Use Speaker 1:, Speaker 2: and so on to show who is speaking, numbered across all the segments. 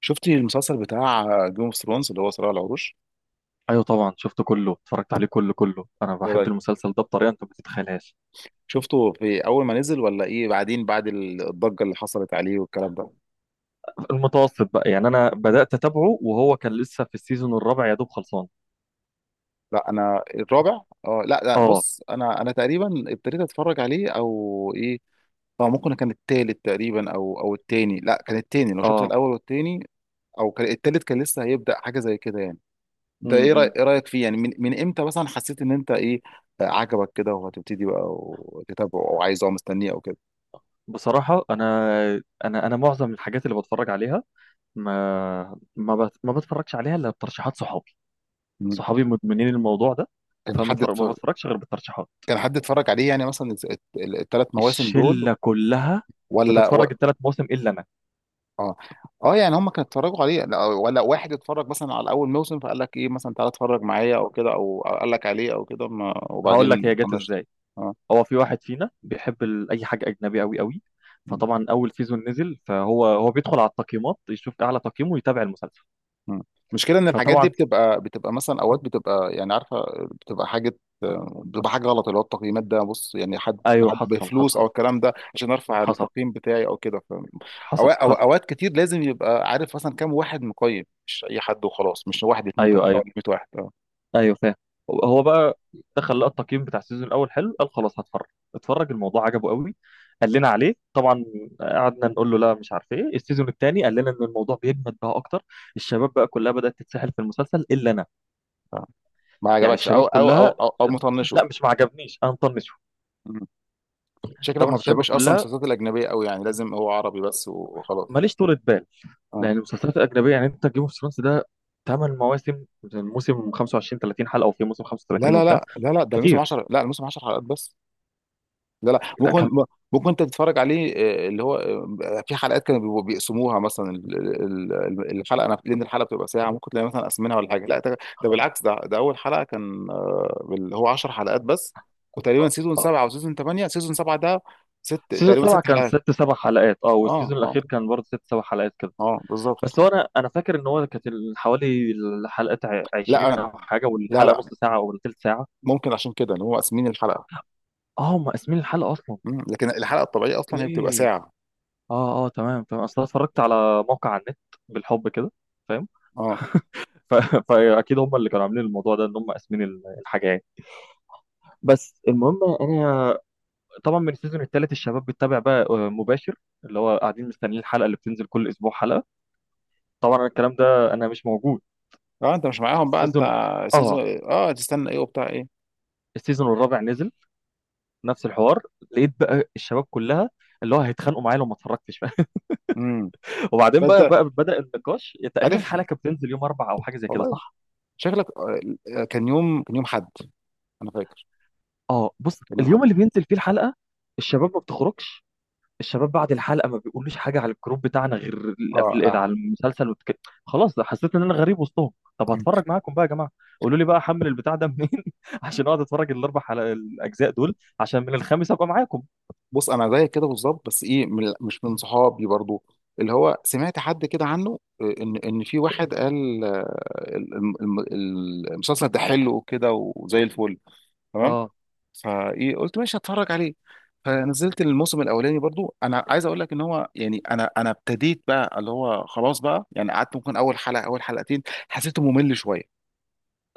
Speaker 1: شفتي المسلسل بتاع جيم اوف ثرونز اللي هو صراع العروش.
Speaker 2: ايوه طبعا شفته كله اتفرجت عليه كله كله. انا
Speaker 1: ايه
Speaker 2: بحب
Speaker 1: رايك؟
Speaker 2: المسلسل ده بطريقه انت ما تتخيلهاش.
Speaker 1: شفته في اول ما نزل ولا ايه بعدين بعد الضجه اللي حصلت عليه والكلام ده؟
Speaker 2: المتوسط بقى يعني انا بدات اتابعه وهو كان لسه في السيزون الرابع يا دوب خلصان.
Speaker 1: لا الرابع. اه لا لا
Speaker 2: اه
Speaker 1: بص، انا تقريبا ابتديت اتفرج عليه او ايه؟ اه ممكن كان التالت تقريبا او التاني، لا كان التاني لو شفت
Speaker 2: اه.
Speaker 1: الاول والتاني، او كان التالت كان لسه هيبدا حاجه زي كده يعني. ده ايه
Speaker 2: امم.
Speaker 1: رايك، ايه رايك فيه يعني؟ من امتى مثلا حسيت ان انت ايه، عجبك كده وهتبتدي بقى وتتابعه او عايزه او مستنيه او كده؟
Speaker 2: بصراحه انا معظم الحاجات اللي بتفرج عليها ما بتفرجش عليها الا بترشيحات صحابي
Speaker 1: مم.
Speaker 2: صحابي مدمنين الموضوع ده.
Speaker 1: كان في حد
Speaker 2: ما بتفرجش غير بالترشيحات.
Speaker 1: كان حد اتفرج عليه يعني مثلا الثلاث مواسم دول،
Speaker 2: الشله كلها
Speaker 1: ولا و...
Speaker 2: بتتفرج الثلاث مواسم الا انا.
Speaker 1: اه اه، يعني هم كانوا اتفرجوا عليه لا، ولا واحد اتفرج مثلا على اول موسم فقال لك ايه مثلا تعالى اتفرج معايا او كده، او أو قال لك عليه او كده ما...
Speaker 2: هقول لك
Speaker 1: وبعدين
Speaker 2: هي جت
Speaker 1: طنشته؟
Speaker 2: ازاي.
Speaker 1: اه.
Speaker 2: هو في واحد فينا بيحب اي حاجه اجنبي قوي قوي، فطبعا اول سيزون نزل، فهو بيدخل على التقييمات يشوف اعلى تقييم ويتابع المسلسل.
Speaker 1: مم. المشكله ان الحاجات
Speaker 2: فطبعا.
Speaker 1: دي بتبقى مثلا اوقات بتبقى يعني عارفه، بتبقى حاجه بتبقى حاجه غلط، اللي هو التقييمات ده بص، يعني حد
Speaker 2: ايوه
Speaker 1: حد
Speaker 2: حصل
Speaker 1: بفلوس او
Speaker 2: حصل.
Speaker 1: الكلام ده عشان ارفع
Speaker 2: حصل.
Speaker 1: التقييم بتاعي او كده،
Speaker 2: حصل حصل.
Speaker 1: اوقات كتير لازم يبقى عارف مثلا كام واحد مقيم، مش اي حد وخلاص، مش واحد اتنين
Speaker 2: ايوه
Speaker 1: تلاته
Speaker 2: ايوه
Speaker 1: ولا 100 واحد. اه.
Speaker 2: ايوه فاهم. هو بقى دخل لقى التقييم بتاع السيزون الاول حلو قال خلاص هتفرج. اتفرج الموضوع عجبه قوي. قال لنا عليه طبعا. قعدنا نقول له لا مش عارف ايه. السيزون الثاني قال لنا ان الموضوع بيجمد بقى اكتر. الشباب بقى كلها بدات تتسحل في المسلسل الا انا.
Speaker 1: آه. ما
Speaker 2: يعني
Speaker 1: عجبكش
Speaker 2: الشباب
Speaker 1: او او او
Speaker 2: كلها.
Speaker 1: او, أو مطنشه؟
Speaker 2: لا، مش ما عجبنيش، انا مطنش.
Speaker 1: مم. شكلك
Speaker 2: طبعا
Speaker 1: ما
Speaker 2: الشباب
Speaker 1: بتحبش اصلا
Speaker 2: كلها،
Speaker 1: المسلسلات الاجنبيه قوي، يعني لازم هو عربي بس وخلاص؟
Speaker 2: ماليش طولة بال.
Speaker 1: اه
Speaker 2: لان المسلسلات الاجنبيه، يعني انت جيم اوف ثرونز ده ثمان مواسم، الموسم 25 30 حلقه، وفي موسم
Speaker 1: لا
Speaker 2: 35
Speaker 1: لا
Speaker 2: وبتاع.
Speaker 1: لا لا لا ده الموسم
Speaker 2: كتير.
Speaker 1: 10 لا الموسم 10 حلقات بس. لا
Speaker 2: لا،
Speaker 1: ممكن،
Speaker 2: كان
Speaker 1: ممكن انت تتفرج عليه. آه، اللي هو آه، في حلقات كانوا بيبقوا بيقسموها مثلا، ال- ال- ال- الحلقه انا لان الحلقه بتبقى ساعه، ممكن تلاقي مثلا قسمينها ولا حاجه. لا ده بالعكس، ده اول حلقه كان اللي هو 10 حلقات بس. وتقريبا سيزون سبعه وسيزون ثمانيه، سيزون سبعه ده ست
Speaker 2: سيزون
Speaker 1: تقريبا
Speaker 2: سبعة
Speaker 1: ست
Speaker 2: كان
Speaker 1: حلقات.
Speaker 2: ست سبع حلقات، اه،
Speaker 1: اه
Speaker 2: والسيزون
Speaker 1: اه.
Speaker 2: الأخير كان برضه ست سبع حلقات كده.
Speaker 1: اه
Speaker 2: بس
Speaker 1: بالظبط.
Speaker 2: هو أنا فاكر إن هو كانت حوالي الحلقات 20
Speaker 1: لا
Speaker 2: أو حاجة،
Speaker 1: لا
Speaker 2: والحلقة
Speaker 1: لا
Speaker 2: نص ساعة أو تلت ساعة.
Speaker 1: ممكن عشان كده ان هو قاسمين الحلقه.
Speaker 2: اه هم قاسمين الحلقة أصلا.
Speaker 1: مم. لكن الحلقه الطبيعيه اصلا هي بتبقى
Speaker 2: أوكي.
Speaker 1: ساعه.
Speaker 2: اه اه تمام تمام. أصل أنا اتفرجت على موقع على النت بالحب كده.
Speaker 1: اه.
Speaker 2: ف- فاكيد هم اللي كانوا عاملين الموضوع ده ان هم قاسمين الحاجه يعني. بس المهم انا طبعا من السيزون الثالث الشباب بتتابع بقى مباشر، اللي هو قاعدين مستنيين الحلقه اللي بتنزل كل اسبوع حلقه. طبعا أنا الكلام ده انا مش موجود.
Speaker 1: اه انت مش معاهم بقى انت؟
Speaker 2: السيزون
Speaker 1: سيزون،
Speaker 2: اه.
Speaker 1: اه، تستنى ايه وبتاع ايه؟
Speaker 2: السيزون الرابع نزل نفس الحوار، لقيت بقى الشباب كلها اللي هو هيتخانقوا معايا لو ما اتفرجتش.
Speaker 1: امم.
Speaker 2: وبعدين بقى
Speaker 1: فانت،
Speaker 2: بقى بدأ النقاش. تقريبا
Speaker 1: عارف،
Speaker 2: الحلقه كانت بتنزل يوم اربع او حاجه زي كده،
Speaker 1: والله
Speaker 2: صح؟
Speaker 1: شكلك كان يوم، كان يوم حد. انا فاكر
Speaker 2: اه بص،
Speaker 1: كان يوم حد.
Speaker 2: اليوم اللي بينزل فيه الحلقه الشباب ما بتخرجش. الشباب بعد الحلقه ما بيقولوش حاجه على الجروب بتاعنا غير
Speaker 1: اه اه.
Speaker 2: على المسلسل خلاص. ده حسيت ان انا غريب وسطهم. طب
Speaker 1: مم.
Speaker 2: هتفرج معاكم بقى يا جماعه، قولوا لي بقى احمل البتاع ده منين. عشان اقعد اتفرج الاجزاء دول، عشان من الخامس ابقى معاكم.
Speaker 1: بص انا زيك كده بالظبط بس ايه، مش من صحابي برضو، اللي هو سمعت حد كده عنه، ان ان في واحد قال الم- الم- المسلسل ده حلو وكده وزي الفل، تمام.
Speaker 2: اه
Speaker 1: فايه قلت ماشي هتفرج عليه. فنزلت الموسم الاولاني برضو، انا عايز اقول لك ان هو يعني، انا ابتديت بقى اللي هو خلاص بقى يعني، قعدت ممكن اول حلقه اول حلقتين، حسيته ممل شويه.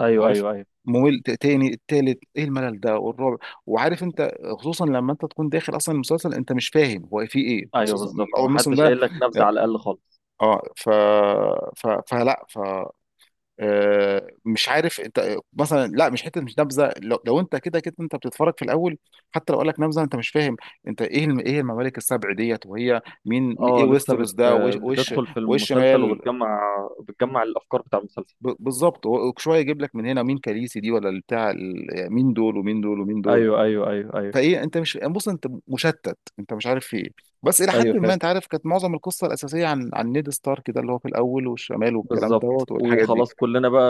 Speaker 2: ايوه
Speaker 1: عارف،
Speaker 2: ايوه ايوه
Speaker 1: ممل، تاني التالت ايه الملل ده، والرابع، وعارف انت، خصوصا لما انت تكون داخل اصلا المسلسل انت مش فاهم هو فيه ايه، هو
Speaker 2: ايوه
Speaker 1: أساساً من
Speaker 2: بالظبط. ما
Speaker 1: اول موسم
Speaker 2: حدش
Speaker 1: ده.
Speaker 2: قايل لك نبذه على الاقل خالص.
Speaker 1: اه ف ف فلا ف آه، مش عارف انت مثلا، لا مش حته مش نبذه، لو انت كده كده انت بتتفرج في الاول، حتى لو قال لك نبذه انت مش فاهم انت ايه ايه الممالك السبع ديت، وهي مين، ايه
Speaker 2: اه
Speaker 1: ويستروس ده، وايش وايش
Speaker 2: بتدخل في المسلسل
Speaker 1: والشمال.
Speaker 2: وبتجمع. بتجمع الافكار بتاع المسلسل.
Speaker 1: بالظبط، هو شويه يجيب لك من هنا مين كاليسي دي ولا بتاع، مين دول ومين دول ومين دول.
Speaker 2: ايوه ايوه ايوه ايوه
Speaker 1: فايه انت مش يعني بص انت مشتت، انت مش عارف في ايه. بس الى
Speaker 2: ايوه
Speaker 1: حد ما
Speaker 2: فاهم.
Speaker 1: انت عارف كانت معظم القصه الاساسيه عن نيد ستارك ده اللي هو في الاول والشمال والكلام
Speaker 2: بالظبط،
Speaker 1: دوت والحاجات دي،
Speaker 2: وخلاص كلنا بقى.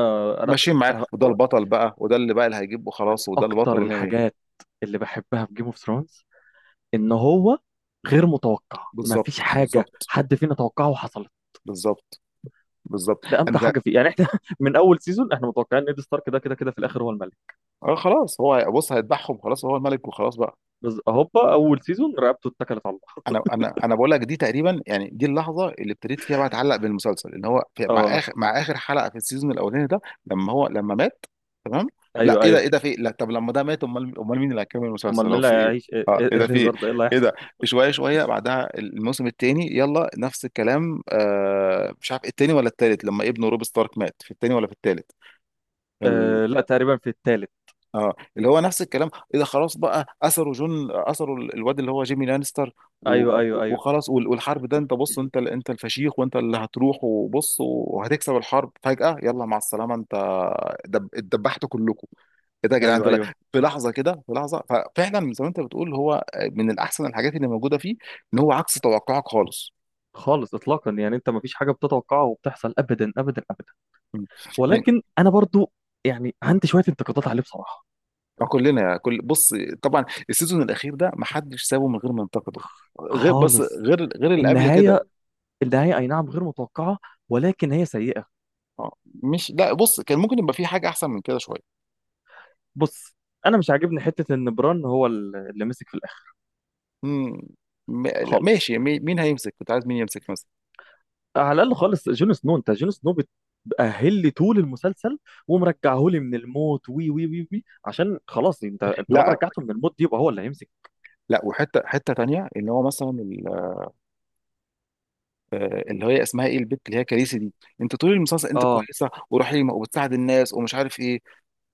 Speaker 2: انا
Speaker 1: ماشيين معاه
Speaker 2: انا
Speaker 1: وده البطل بقى، وده اللي بقى اللي هيجيبه
Speaker 2: من
Speaker 1: خلاص وده البطل
Speaker 2: اكتر
Speaker 1: وما.
Speaker 2: الحاجات اللي بحبها في جيم اوف ثرونز ان هو غير متوقع. مفيش
Speaker 1: بالظبط
Speaker 2: حاجه
Speaker 1: بالظبط
Speaker 2: حد فينا توقعه وحصلت.
Speaker 1: بالظبط بالظبط
Speaker 2: ده امتع
Speaker 1: انا
Speaker 2: حاجه فيه. يعني احنا من اول سيزون احنا متوقعين ان ايد ستارك ده كده كده في الاخر هو الملك،
Speaker 1: اه خلاص هو بص هيذبحهم خلاص هو الملك وخلاص بقى.
Speaker 2: بس هوبا اول سيزون رقبته اتكلت على الله.
Speaker 1: انا بقول لك، دي تقريبا يعني دي اللحظه اللي ابتديت فيها بقى اتعلق بالمسلسل، ان هو في
Speaker 2: اه
Speaker 1: مع اخر حلقه في السيزون الاولاني ده، لما مات. تمام. لا
Speaker 2: ايوه
Speaker 1: ايه ده،
Speaker 2: ايوه.
Speaker 1: ايه ده، في إيه؟ لا طب لما ده مات امال مين اللي هيكمل
Speaker 2: امال
Speaker 1: المسلسل،
Speaker 2: مين
Speaker 1: هو
Speaker 2: اللي
Speaker 1: في ايه؟
Speaker 2: هيعيش؟
Speaker 1: اه ايه
Speaker 2: إيه
Speaker 1: ده في ايه؟
Speaker 2: الهزار ده، ايه اللي
Speaker 1: ايه
Speaker 2: هيحصل؟
Speaker 1: ده؟ شويه بعدها الموسم الثاني يلا نفس الكلام، مش عارف الثاني ولا الثالث، لما ابنه روب ستارك مات في الثاني ولا في الثالث،
Speaker 2: آه لا، تقريبا في الثالث.
Speaker 1: اه اللي هو نفس الكلام. اذا خلاص بقى، اثروا جون، اثروا الواد اللي هو جيمي لانستر، و-
Speaker 2: ايوه ايوه ايوه.
Speaker 1: وخلاص والحرب ده انت بص انت انت الفشيخ وانت اللي هتروح وبص وهتكسب الحرب فجأة، يلا مع السلامة انت، دب اتدبحتوا كلكم. ايه ده يا جدعان
Speaker 2: ايوه
Speaker 1: ده
Speaker 2: ايوه.
Speaker 1: في لحظه كده، في لحظه. ففعلا زي ما انت بتقول هو من الاحسن الحاجات اللي موجوده فيه، ان هو عكس توقعك خالص.
Speaker 2: خالص اطلاقا، يعني انت مفيش حاجه بتتوقعها وبتحصل ابدا ابدا ابدا.
Speaker 1: مم. يعني
Speaker 2: ولكن انا برضو يعني عندي شويه انتقادات عليه بصراحه.
Speaker 1: كلنا كل بص، طبعا السيزون الاخير ده ما حدش سابه من غير ما ينتقده، غير بس
Speaker 2: خالص.
Speaker 1: غير اللي قبل كده.
Speaker 2: النهاية، النهاية أي نعم غير متوقعة، ولكن هي سيئة.
Speaker 1: اه، مش، لا بص، كان ممكن يبقى في حاجه احسن من كده شويه.
Speaker 2: بص، أنا مش عاجبني حتة إن بران هو اللي مسك في الآخر
Speaker 1: مم. لا،
Speaker 2: خالص.
Speaker 1: ماشي، مين هيمسك، كنت عايز مين يمسك مثلا؟
Speaker 2: على الأقل خالص جون سنو، أنت جون سنو بتأهل لي طول المسلسل ومرجعه لي من الموت وي وي وي وي، عشان خلاص أنت طالما
Speaker 1: لا
Speaker 2: رجعته من الموت دي يبقى هو اللي هيمسك.
Speaker 1: لا، وحته، تانيه اللي هو مثلا اللي هي اسمها ايه، البت اللي هي كاليسي دي، انت طول المسلسل انت
Speaker 2: آه
Speaker 1: كويسه ورحيمه وبتساعد الناس ومش عارف ايه،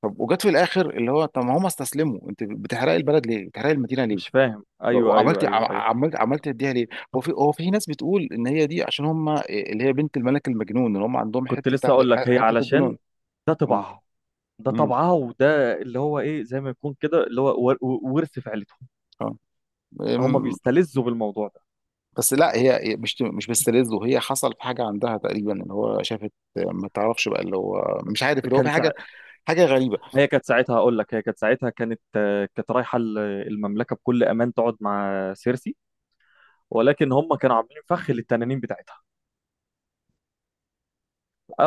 Speaker 1: طب وجت في الاخر اللي هو طب ما هم استسلموا، انت بتحرقي البلد ليه، بتحرقي المدينه ليه؟
Speaker 2: مش فاهم أيوه
Speaker 1: وعملت
Speaker 2: أيوه
Speaker 1: عم-
Speaker 2: أيوه أيوه.
Speaker 1: عملت عملت اديها ليه؟ هو في، هو في ناس بتقول ان هي دي عشان هم اللي هي بنت الملك المجنون اللي هم عندهم
Speaker 2: كنت
Speaker 1: حته
Speaker 2: لسه أقول لك هي
Speaker 1: حته
Speaker 2: علشان
Speaker 1: الجنون.
Speaker 2: ده
Speaker 1: مم.
Speaker 2: طبعها. ده
Speaker 1: مم.
Speaker 2: طبعها وده اللي هو إيه، زي ما يكون كده اللي هو ورث في عيلتهم.
Speaker 1: آه.
Speaker 2: هم
Speaker 1: أم،
Speaker 2: بيستلذوا بالموضوع ده.
Speaker 1: بس لا هي مش، مش بتستلذه، هي حصل في حاجه عندها تقريبا اللي هو شافت، ما تعرفش بقى اللي هو مش عارف اللي هو في
Speaker 2: كان سع...
Speaker 1: حاجه، حاجه غريبه.
Speaker 2: هي كانت ساعتها، اقول لك هي كانت ساعتها كانت كانت رايحه المملكه بكل امان تقعد مع سيرسي، ولكن هم كانوا عاملين فخ للتنانين بتاعتها.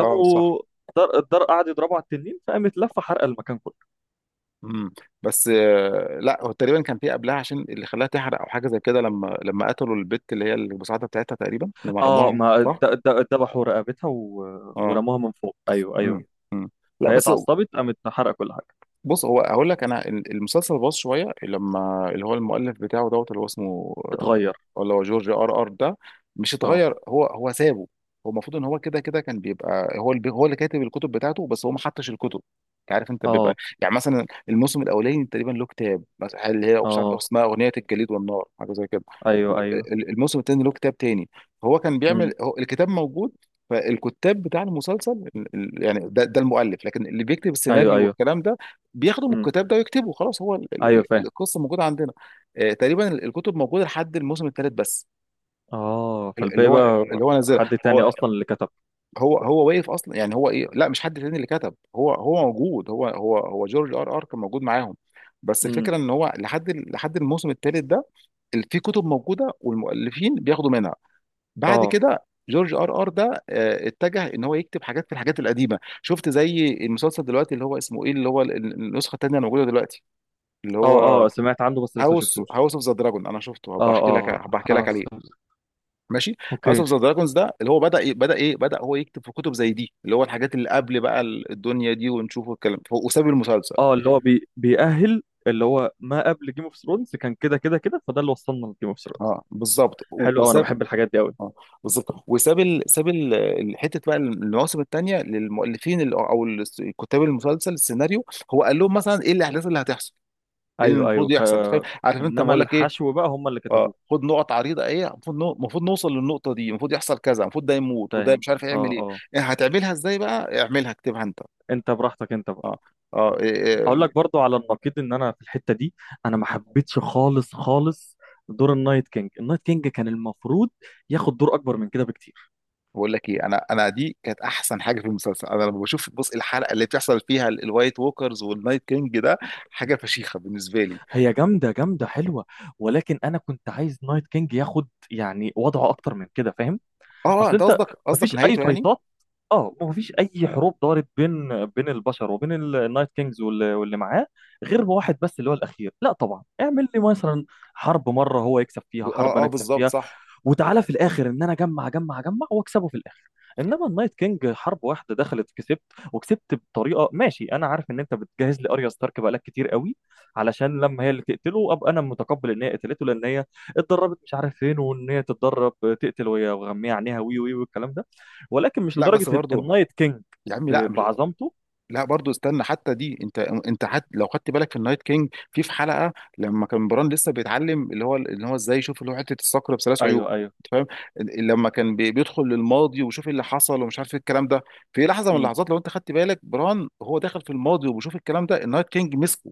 Speaker 1: اه صح.
Speaker 2: الدار الدار قعد يضربوا على التنين فقامت لفه حرق المكان كله.
Speaker 1: امم. بس لا هو تقريبا كان في قبلها عشان اللي خلاها تحرق او حاجه زي كده، لما قتلوا البت اللي هي المساعده بتاعتها تقريبا، لما
Speaker 2: اه
Speaker 1: رموها
Speaker 2: ما
Speaker 1: صح.
Speaker 2: ذبحوا رقبتها و...
Speaker 1: اه.
Speaker 2: ورموها من فوق، ايوه ايوه.
Speaker 1: امم. أمم. لا
Speaker 2: فهي
Speaker 1: بس
Speaker 2: اتعصبت قامت حرق كل حاجه.
Speaker 1: بص، هو هقول لك انا المسلسل باظ شويه لما اللي هو المؤلف بتاعه دوت اللي هو اسمه
Speaker 2: اتغير.
Speaker 1: اللي هو جورج ار ار ده، مش
Speaker 2: اه
Speaker 1: اتغير، هو سابه، هو المفروض ان هو كده كده كان بيبقى هو اللي هو اللي كاتب الكتب بتاعته، بس هو ما حطش الكتب. انت عارف، انت بيبقى
Speaker 2: اه
Speaker 1: يعني مثلا الموسم الاولاني تقريبا له كتاب مثلا اللي هي مش عارف
Speaker 2: اه
Speaker 1: اسمها اغنيه الجليد والنار حاجه زي كده،
Speaker 2: ايوه ايوه
Speaker 1: الموسم الثاني له كتاب تاني، هو كان بيعمل،
Speaker 2: امم
Speaker 1: هو الكتاب موجود. فالكتاب بتاع المسلسل يعني ده المؤلف، لكن اللي بيكتب
Speaker 2: ايوه
Speaker 1: السيناريو
Speaker 2: ايوه
Speaker 1: والكلام ده بياخدوا من
Speaker 2: امم
Speaker 1: الكتاب ده ويكتبوا، خلاص هو
Speaker 2: ايوه فاهم.
Speaker 1: القصه موجوده عندنا. تقريبا الكتب موجوده لحد الموسم الثالث بس،
Speaker 2: اه
Speaker 1: ال- اللي
Speaker 2: فالباقي
Speaker 1: هو
Speaker 2: بقى
Speaker 1: اللي هو نزل
Speaker 2: حد تاني
Speaker 1: هو
Speaker 2: اصلا اللي كتب.
Speaker 1: هو هو واقف اصلا يعني، هو ايه، لا مش حد تاني اللي كتب، هو موجود، هو جورج ار ار كان موجود معاهم. بس
Speaker 2: امم.
Speaker 1: الفكره ان هو لحد الموسم الثالث ده في كتب موجوده والمؤلفين بياخدوا منها. بعد
Speaker 2: اه
Speaker 1: كده جورج ار ار ده اتجه ان هو يكتب حاجات في الحاجات القديمه، شفت زي المسلسل دلوقتي اللي هو اسمه ايه، اللي هو النسخه الثانيه الموجوده دلوقتي، اللي
Speaker 2: اه
Speaker 1: هو
Speaker 2: اه سمعت عنه بس لسه ما شفتوش.
Speaker 1: هاوس اوف ذا دراجون، انا شفته،
Speaker 2: اه اه
Speaker 1: هبقى احكي لك
Speaker 2: حصل.
Speaker 1: عليه. ماشي. هاوس
Speaker 2: اوكي.
Speaker 1: اوف ذا دراجونز ده اللي هو بدا إيه، بدا هو يكتب في كتب زي دي اللي هو الحاجات اللي قبل بقى الدنيا دي ونشوف الكلام، وساب المسلسل.
Speaker 2: اه بيأهل اللي هو ما قبل جيم اوف ثرونز كان كده كده كده، فده اللي وصلنا لجيم اوف ثرونز.
Speaker 1: اه بالظبط
Speaker 2: حلو قوي، انا بحب الحاجات دي قوي.
Speaker 1: اه وساب ال... ساب ال... ال- حته بقى المواسم الثانيه للمؤلفين كتاب المسلسل السيناريو، هو قال لهم مثلا ايه الاحداث اللي هتحصل، ايه اللي
Speaker 2: ايوه ايوه.
Speaker 1: المفروض
Speaker 2: ف
Speaker 1: يحصل. أنت فاهم، عارف انت لما
Speaker 2: انما
Speaker 1: اقول لك ايه؟
Speaker 2: الحشو بقى هم اللي
Speaker 1: اه،
Speaker 2: كتبوه.
Speaker 1: خد نقط عريضه، ايه المفروض المفروض نوصل للنقطه دي، المفروض يحصل كذا، المفروض ده يموت، وده
Speaker 2: فاهم
Speaker 1: مش عارف
Speaker 2: اه
Speaker 1: يعمل ايه،
Speaker 2: اه.
Speaker 1: إيه هتعملها ازاي بقى، اعملها اكتبها انت.
Speaker 2: انت براحتك انت بقى.
Speaker 1: اه اه. إيه إيه.
Speaker 2: اقول لك برضو على النقيض، ان انا في الحتة دي انا ما حبيتش خالص خالص دور النايت كينج. النايت كينج كان المفروض ياخد دور اكبر من كده بكتير.
Speaker 1: بقول لك ايه، انا دي كانت احسن حاجه في المسلسل. انا لما بشوف بص الحلقه اللي بتحصل فيها الوايت ووكرز والنايت كينج ده، حاجه فشيخه بالنسبه لي.
Speaker 2: هي جامدة جامدة حلوة، ولكن أنا كنت عايز نايت كينج ياخد يعني وضعه أكتر من كده، فاهم؟
Speaker 1: اه
Speaker 2: أصل
Speaker 1: انت
Speaker 2: أنت
Speaker 1: قصدك، قصدك
Speaker 2: مفيش أي
Speaker 1: نهايته يعني؟
Speaker 2: فايتات، أه مفيش أي حروب دارت بين بين البشر وبين النايت كينجز واللي معاه غير واحد بس اللي هو الأخير. لا طبعا، اعمل لي مثلا حرب مرة هو يكسب فيها، حرب أنا أكسب
Speaker 1: بالظبط
Speaker 2: فيها،
Speaker 1: صح.
Speaker 2: وتعالى في الاخر ان انا اجمع اجمع اجمع واكسبه في الاخر. انما النايت كينج حرب واحده دخلت كسبت، وكسبت بطريقه ماشي. انا عارف ان انت بتجهز لي اريا ستارك بقالك كتير قوي علشان لما هي اللي تقتله ابقى انا متقبل ان هي قتلته، لان هي اتدربت مش عارف فين، وان هي تتدرب تقتل وهي وغمية عينيها وي وي والكلام ده، ولكن مش
Speaker 1: لا
Speaker 2: لدرجه
Speaker 1: بس برضه،
Speaker 2: النايت كينج
Speaker 1: يا عمي لا،
Speaker 2: بعظمته.
Speaker 1: لا برضو استنى حتى دي. انت انت حت لو خدت بالك في النايت كينج في في حلقه لما كان بران لسه بيتعلم اللي هو ازاي يشوف اللي هو حته الصقر بثلاث عيون،
Speaker 2: ايوه ايوه
Speaker 1: انت فاهم؟ لما كان بيدخل للماضي ويشوف اللي حصل ومش عارف ايه الكلام ده، في لحظه من
Speaker 2: امم
Speaker 1: اللحظات لو انت خدت بالك بران هو داخل في الماضي وبيشوف الكلام ده، النايت كينج مسكه،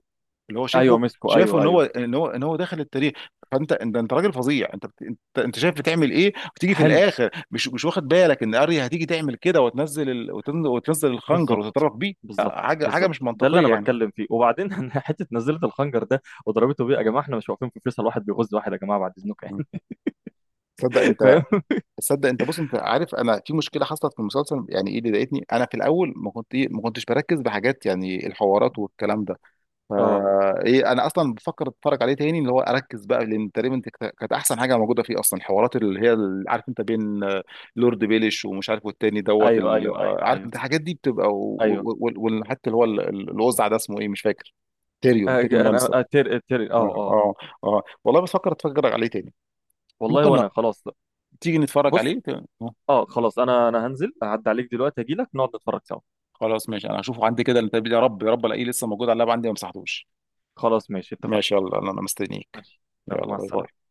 Speaker 1: اللي هو شايفه،
Speaker 2: ايوه مسكو
Speaker 1: شايفه
Speaker 2: ايوه ايوه.
Speaker 1: ان هو داخل التاريخ. فانت انت راجل فظيع، انت انت شايف بتعمل ايه، وتيجي في
Speaker 2: حلو.
Speaker 1: الاخر مش، مش واخد بالك ان اريا هتيجي تعمل كده وتنزل وتنزل الخنجر
Speaker 2: بالظبط.
Speaker 1: وتتطرف بيه. لا،
Speaker 2: بالظبط
Speaker 1: حاجه، حاجه
Speaker 2: بالظبط
Speaker 1: مش
Speaker 2: ده اللي
Speaker 1: منطقيه
Speaker 2: انا
Speaker 1: يعني.
Speaker 2: بتكلم فيه. وبعدين حته نزلت الخنجر ده وضربته بيه، يا جماعه احنا مش واقفين في فيصل واحد بيغز واحد، يا جماعه بعد اذنكم
Speaker 1: م.
Speaker 2: يعني.
Speaker 1: تصدق انت،
Speaker 2: فاهم
Speaker 1: تصدق انت بص، انت عارف انا في مشكله حصلت في المسلسل يعني ايه اللي ضايقتني، انا في الاول ما كنتش بركز بحاجات يعني الحوارات والكلام ده. فا
Speaker 2: اه
Speaker 1: ايه، انا اصلا بفكر اتفرج عليه تاني اللي هو اركز بقى، لان تقريبا دي كانت احسن حاجه موجوده فيه اصلا، الحوارات اللي هي عارف انت بين لورد بيليش ومش عارف والتاني دوت
Speaker 2: ايوه ايوه ايوه
Speaker 1: عارف
Speaker 2: ايوه
Speaker 1: انت الحاجات دي بتبقى
Speaker 2: ايوه.
Speaker 1: وحتى اللي هو الوزع ده اسمه ايه، مش فاكر،
Speaker 2: آه،
Speaker 1: تيريون لانستر.
Speaker 2: انا اتر
Speaker 1: اه
Speaker 2: اه اه.
Speaker 1: اه. اه والله بفكر اتفرج عليه تاني.
Speaker 2: والله.
Speaker 1: ممكن، لا،
Speaker 2: وانا خلاص.
Speaker 1: تيجي نتفرج
Speaker 2: بص،
Speaker 1: عليه آه،
Speaker 2: اه خلاص، انا انا هنزل هعدي عليك دلوقتي اجي لك نقعد نتفرج سوا.
Speaker 1: خلاص ماشي، انا هشوفه عندي كده، انت يا رب يا رب الاقيه لسه موجود على اللاب عندي ما مسحتوش.
Speaker 2: خلاص ماشي اتفقنا.
Speaker 1: ماشي يلا، انا مستنيك.
Speaker 2: ماشي يلا
Speaker 1: يلا
Speaker 2: مع
Speaker 1: باي باي.
Speaker 2: السلامه.